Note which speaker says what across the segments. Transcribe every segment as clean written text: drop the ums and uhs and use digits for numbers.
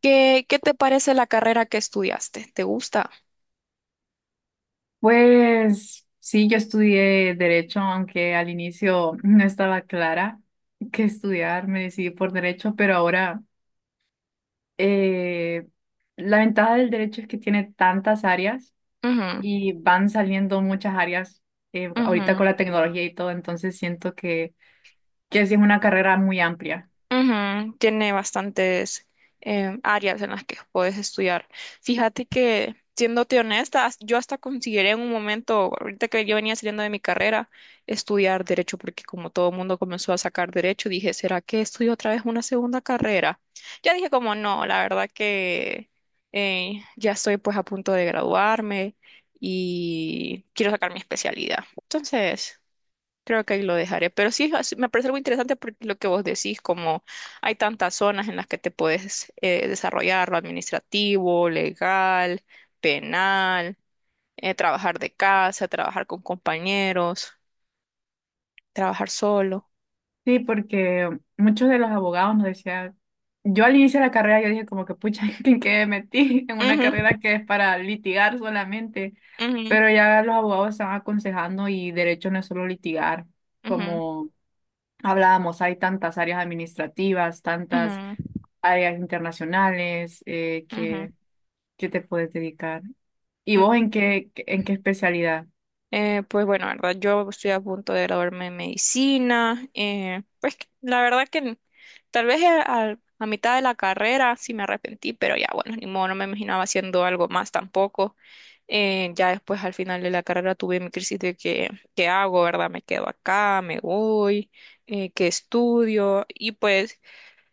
Speaker 1: ¿Qué te parece la carrera que estudiaste? ¿Te gusta?
Speaker 2: Pues sí, yo estudié derecho, aunque al inicio no estaba clara que estudiar, me decidí por derecho, pero ahora eh, la ventaja del derecho es que tiene tantas áreas
Speaker 1: Ujú,
Speaker 2: y van saliendo muchas áreas ahorita
Speaker 1: ujú.
Speaker 2: con la tecnología y todo, entonces siento que sí es una carrera muy amplia.
Speaker 1: Ujú. Tiene bastantes áreas en las que puedes estudiar. Fíjate que, siéndote honesta, yo hasta consideré en un momento, ahorita que yo venía saliendo de mi carrera, estudiar derecho, porque como todo el mundo comenzó a sacar derecho, dije, ¿será que estudio otra vez una segunda carrera? Ya dije como no, la verdad que ya estoy pues a punto de graduarme y quiero sacar mi especialidad. Entonces. Creo que ahí lo dejaré. Pero sí, me parece algo interesante porque lo que vos decís, como hay tantas zonas en las que te puedes desarrollar, lo administrativo, legal, penal, trabajar de casa, trabajar con compañeros, trabajar solo.
Speaker 2: Sí, porque muchos de los abogados nos decían, yo al inicio de la carrera yo dije como que pucha, ¿en qué me metí? En una carrera que es para litigar solamente,
Speaker 1: Ujú,
Speaker 2: pero ya los abogados están aconsejando y derecho no es solo litigar,
Speaker 1: ujú,
Speaker 2: como hablábamos, hay tantas áreas administrativas, tantas
Speaker 1: ujú,
Speaker 2: áreas internacionales
Speaker 1: ujú,
Speaker 2: que, te puedes dedicar. ¿Y vos
Speaker 1: ujú.
Speaker 2: en qué especialidad?
Speaker 1: Pues bueno, la verdad, yo estoy a punto de graduarme en medicina. Pues la verdad que tal vez a mitad de la carrera sí me arrepentí, pero ya bueno, ni modo, no me imaginaba haciendo algo más tampoco. Ya después al final de la carrera tuve mi crisis de que, ¿qué hago, verdad? Me quedo acá, me voy, ¿qué estudio? Y pues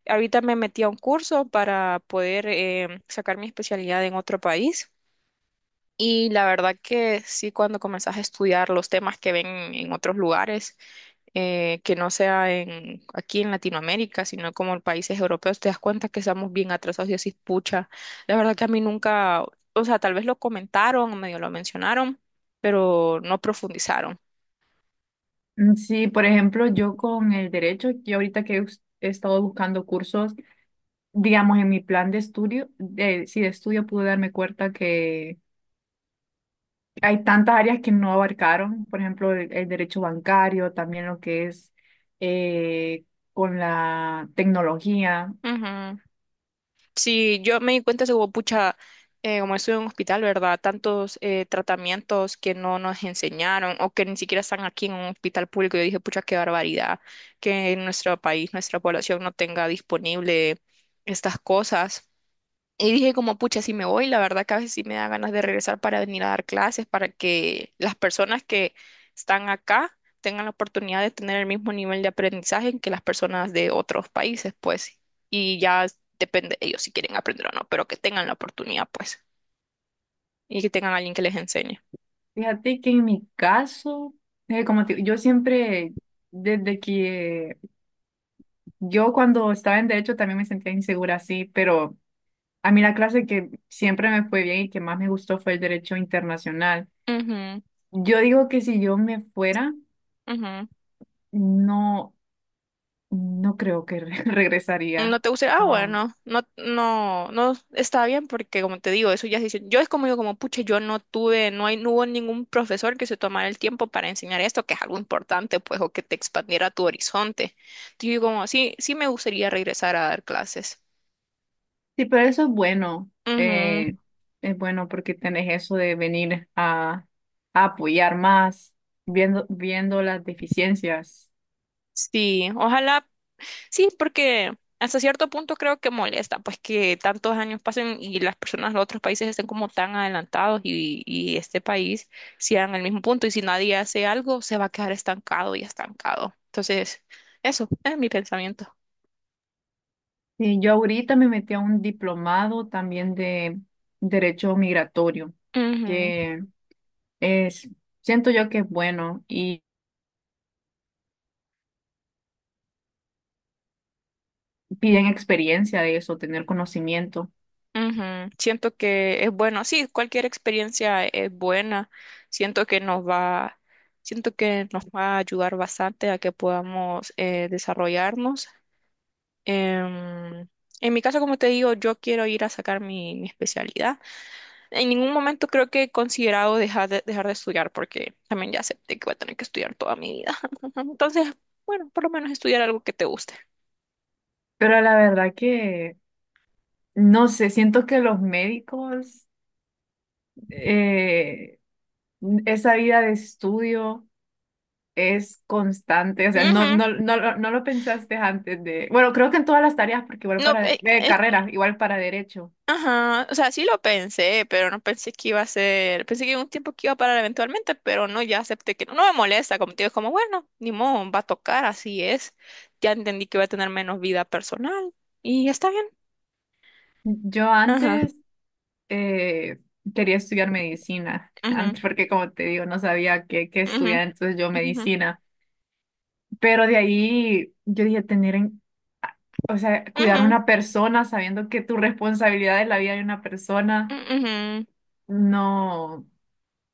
Speaker 1: ahorita me metí a un curso para poder sacar mi especialidad en otro país. Y la verdad que sí, cuando comenzás a estudiar los temas que ven en otros lugares, que no sea en, aquí en Latinoamérica, sino como en países europeos, te das cuenta que estamos bien atrasados y así, pucha. La verdad que a mí nunca, o sea, tal vez lo comentaron, medio lo mencionaron, pero no profundizaron.
Speaker 2: Mm, sí, por ejemplo, yo con el derecho, yo ahorita que he estado buscando cursos, digamos, en mi plan de estudio, de, sí, de estudio pude darme cuenta que hay tantas áreas que no abarcaron, por ejemplo, el derecho bancario, también lo que es eh, con la tecnología.
Speaker 1: Ujú. Sí, yo me di cuenta, eso como pucha, como estuve en un hospital, ¿verdad? Tantos tratamientos que no nos enseñaron o que ni siquiera están aquí en un hospital público. Yo dije, pucha, qué barbaridad que en nuestro país, nuestra población no tenga disponible estas cosas. Y dije como, pucha, si me voy, la verdad que a veces sí me da ganas de regresar para venir a dar clases, para que las personas que están acá tengan la oportunidad de tener el mismo nivel de aprendizaje que las personas de otros países, pues. Y ya depende de ellos si quieren aprender o no, pero que tengan la oportunidad, pues. Y que tengan alguien que les enseñe.
Speaker 2: Fíjate que en mi caso, yo siempre, desde que yo cuando estaba en derecho también me sentía insegura así, pero a mí la clase que siempre me fue bien y que más me gustó fue el derecho internacional.
Speaker 1: Ujú,
Speaker 2: Yo digo que si yo me fuera,
Speaker 1: ujú.
Speaker 2: no. No creo que regresaría.
Speaker 1: No te gusta, ah,
Speaker 2: No.
Speaker 1: bueno, no, no, no está bien porque como te digo, eso ya se hizo. Yo es como digo, como pucha, yo no tuve, no hay, no hubo ningún profesor que se tomara el tiempo para enseñar esto, que es algo importante, pues, o que te expandiera tu horizonte. Yo digo como, sí, sí me gustaría regresar a dar clases.
Speaker 2: Sí, pero eso es bueno.
Speaker 1: Ujú.
Speaker 2: Es bueno porque tenés eso de venir a, apoyar más, viendo las deficiencias.
Speaker 1: Sí, ojalá. Sí, porque hasta cierto punto creo que molesta, pues que tantos años pasen y las personas de otros países estén como tan adelantados y este país siga en el mismo punto y si nadie hace algo se va a quedar estancado y estancado. Entonces, eso es mi pensamiento.
Speaker 2: Sí, yo ahorita me metí a un diplomado también de derecho migratorio,
Speaker 1: Ujú,
Speaker 2: que es, siento yo que es bueno y piden experiencia de eso, tener conocimiento.
Speaker 1: ujú. Siento que es bueno, sí, cualquier experiencia es buena. Siento que nos va, Siento que nos va a ayudar bastante a que podamos desarrollarnos. Em, en mi caso, como te digo, yo quiero ir a sacar mi especialidad. En ningún momento creo que he considerado dejar de estudiar porque también ya acepté que voy a tener que estudiar toda mi vida. Entonces, bueno, por lo menos estudiar algo que te guste.
Speaker 2: Pero la verdad que, no sé, siento que los médicos... eh, Esa vida de estudio es constante, o sea, no,
Speaker 1: Ujú.
Speaker 2: no, no, no lo pensaste antes de, bueno, creo que en todas las tareas, porque igual
Speaker 1: No,
Speaker 2: para de, de carrera, igual para derecho.
Speaker 1: ajá, o sea, sí lo pensé, pero no pensé que iba a ser, pensé que iba un tiempo que iba a parar eventualmente, pero no, ya acepté que no, no me molesta, como te digo, es como, bueno, ni modo, va a tocar, así es, ya entendí que voy a tener menos vida personal y está bien,
Speaker 2: Yo
Speaker 1: ajá.
Speaker 2: antes eh, quería estudiar medicina,
Speaker 1: Ujú,
Speaker 2: antes porque como te digo, no sabía qué
Speaker 1: ujú,
Speaker 2: estudiar, entonces yo
Speaker 1: ujú,
Speaker 2: medicina, pero de ahí yo dije tener, o sea, cuidar a
Speaker 1: ujú,
Speaker 2: una persona sabiendo que tu responsabilidad es la vida de una persona,
Speaker 1: ujú.
Speaker 2: no,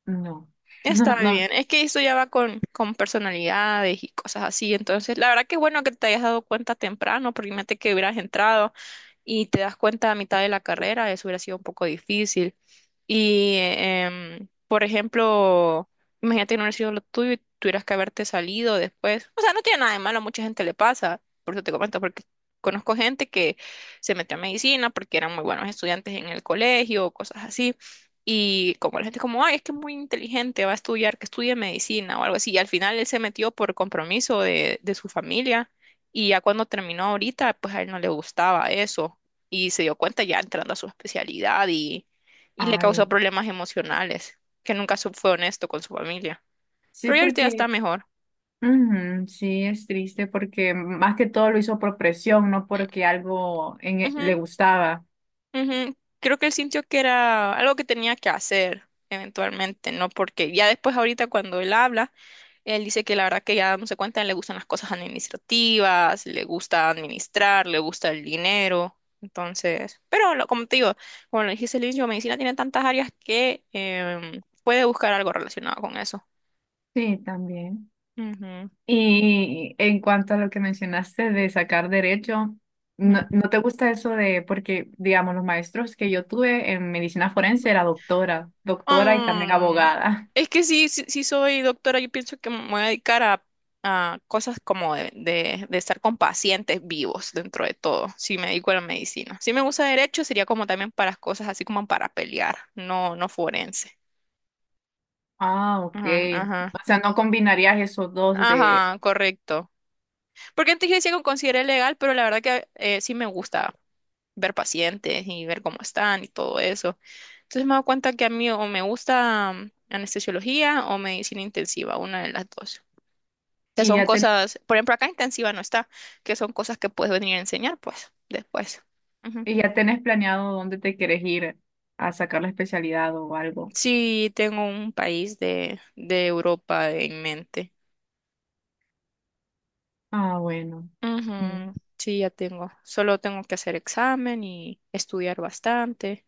Speaker 2: no, no,
Speaker 1: Está
Speaker 2: no,
Speaker 1: bien. Es que eso ya va con personalidades y cosas así. Entonces, la verdad que es bueno que te hayas dado cuenta temprano, porque imagínate que hubieras entrado y te das cuenta a mitad de la carrera, eso hubiera sido un poco difícil. Y, por ejemplo, imagínate que no hubiera sido lo tuyo y tuvieras que haberte salido después. O sea, no tiene nada de malo, a mucha gente le pasa, por eso te comento, porque conozco gente que se metió a medicina porque eran muy buenos estudiantes en el colegio o cosas así. Y como la gente como, ay, es que es muy inteligente, va a estudiar, que estudie medicina o algo así. Y al final él se metió por compromiso de su familia y ya cuando terminó ahorita, pues a él no le gustaba eso y se dio cuenta ya entrando a su especialidad y le causó
Speaker 2: ay,
Speaker 1: problemas emocionales, que nunca fue honesto con su familia.
Speaker 2: sí,
Speaker 1: Pero ya ahorita ya está
Speaker 2: porque...
Speaker 1: mejor.
Speaker 2: Ujú. Sí, es triste porque más que todo lo hizo por presión, no porque algo en le
Speaker 1: Ujú,
Speaker 2: gustaba.
Speaker 1: ujú. Creo que él sintió que era algo que tenía que hacer eventualmente, ¿no? Porque ya después ahorita cuando él habla, él dice que la verdad que ya dándose cuenta le gustan las cosas administrativas, le gusta administrar, le gusta el dinero. Entonces, pero lo- como te digo, como lo dijiste al inicio, medicina tiene tantas áreas que puede buscar algo relacionado con eso.
Speaker 2: Sí, también.
Speaker 1: Ujú,
Speaker 2: Y en cuanto a lo que mencionaste de sacar derecho,
Speaker 1: ujú.
Speaker 2: ¿no te gusta eso de, porque digamos, los maestros que yo tuve en medicina forense era doctora, doctora y también
Speaker 1: Mm,
Speaker 2: abogada.
Speaker 1: es que sí, sí, sí soy doctora, yo pienso que me voy a dedicar a, cosas como de, de estar con pacientes vivos dentro de todo, si me dedico a la medicina. Si me gusta derecho, sería como también para cosas así como para pelear, no, no forense.
Speaker 2: Ah, ok.
Speaker 1: Ajá, ajá.
Speaker 2: O sea, no combinarías esos dos de,
Speaker 1: Ajá, correcto. Porque antes yo decía que lo consideré legal, pero la verdad que sí me gusta ver pacientes y ver cómo están y todo eso. Entonces me he dado cuenta que a mí o me gusta anestesiología o medicina intensiva, una de las dos. Que
Speaker 2: y
Speaker 1: son
Speaker 2: ya ten-
Speaker 1: cosas, por ejemplo, acá intensiva no está, que son cosas que puedes venir a enseñar, pues, después. Ujú.
Speaker 2: y ya tenés planeado dónde te quieres ir a sacar la especialidad o algo.
Speaker 1: Sí, tengo un país de Europa en mente.
Speaker 2: Ah, bueno. Sí.
Speaker 1: Ujú. Sí, ya tengo. Solo tengo que hacer examen y estudiar bastante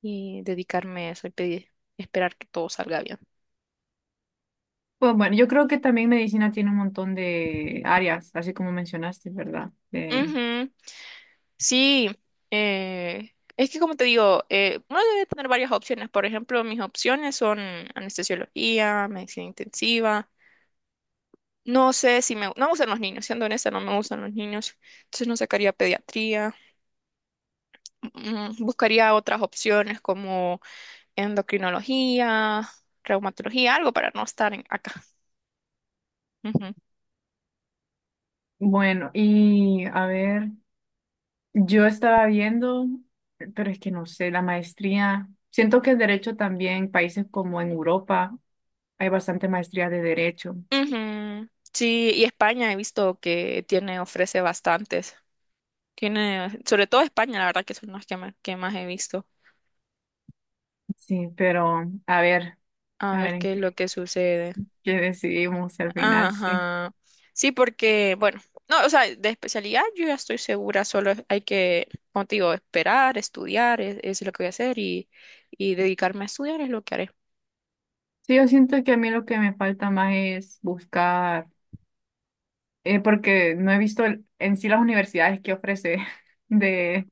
Speaker 1: y dedicarme a eso y pedir, esperar que todo salga bien.
Speaker 2: Pues bueno, yo creo que también medicina tiene un montón de áreas, así como mencionaste, ¿verdad?
Speaker 1: Ujú. Sí, es que como te digo, uno debe tener varias opciones. Por ejemplo, mis opciones son anestesiología, medicina intensiva. No sé si me. No me gustan los niños, siendo honesta, no me gustan los niños. Entonces no sacaría pediatría. Mm. Buscaría otras opciones como endocrinología, reumatología, algo para no estar acá. Ujú.
Speaker 2: Bueno, y a ver, yo estaba viendo, pero es que no sé, la maestría, siento que el derecho también, países como en Europa, hay bastante maestría de derecho,
Speaker 1: Ujú. Sí, y España he visto que tiene, ofrece bastantes. Tiene, sobre todo España, la verdad que son las que, que más he visto.
Speaker 2: sí, pero
Speaker 1: A
Speaker 2: a ver
Speaker 1: ver
Speaker 2: en
Speaker 1: qué es
Speaker 2: qué,
Speaker 1: lo que sucede.
Speaker 2: qué decidimos al final, sí.
Speaker 1: Ajá. Sí, porque, bueno, no, o sea, de especialidad yo ya estoy segura, solo hay que, como te digo, esperar, estudiar, es lo que voy a hacer y dedicarme a estudiar es lo que haré.
Speaker 2: Sí, yo siento que a mí lo que me falta más es buscar. Porque no he visto en sí las universidades que ofrece de,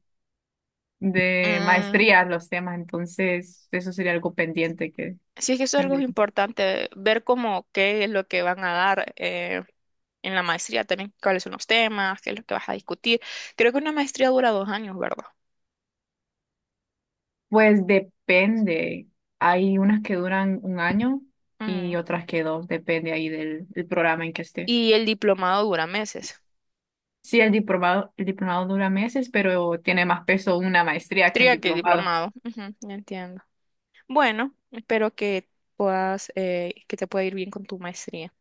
Speaker 2: de
Speaker 1: Mm,
Speaker 2: maestría los temas, entonces eso sería algo pendiente que
Speaker 1: sí, es que eso es algo
Speaker 2: tendría.
Speaker 1: importante, ver cómo qué es lo que van a dar en la maestría también, cuáles son los temas, qué es lo que vas a discutir. Creo que una maestría dura 2 años, ¿verdad?
Speaker 2: Pues depende, hay unas que duran un año y
Speaker 1: Mm.
Speaker 2: otras que dos, depende ahí del, del programa en que estés.
Speaker 1: Y el diplomado dura meses.
Speaker 2: Sí, el diplomado, dura meses, pero tiene más peso una maestría que un
Speaker 1: Tría que el
Speaker 2: diplomado.
Speaker 1: diplomado. Ujú, ya entiendo. Bueno, espero que puedas, que te pueda ir bien con tu maestría.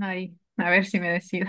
Speaker 2: Ahí, a ver si me decido.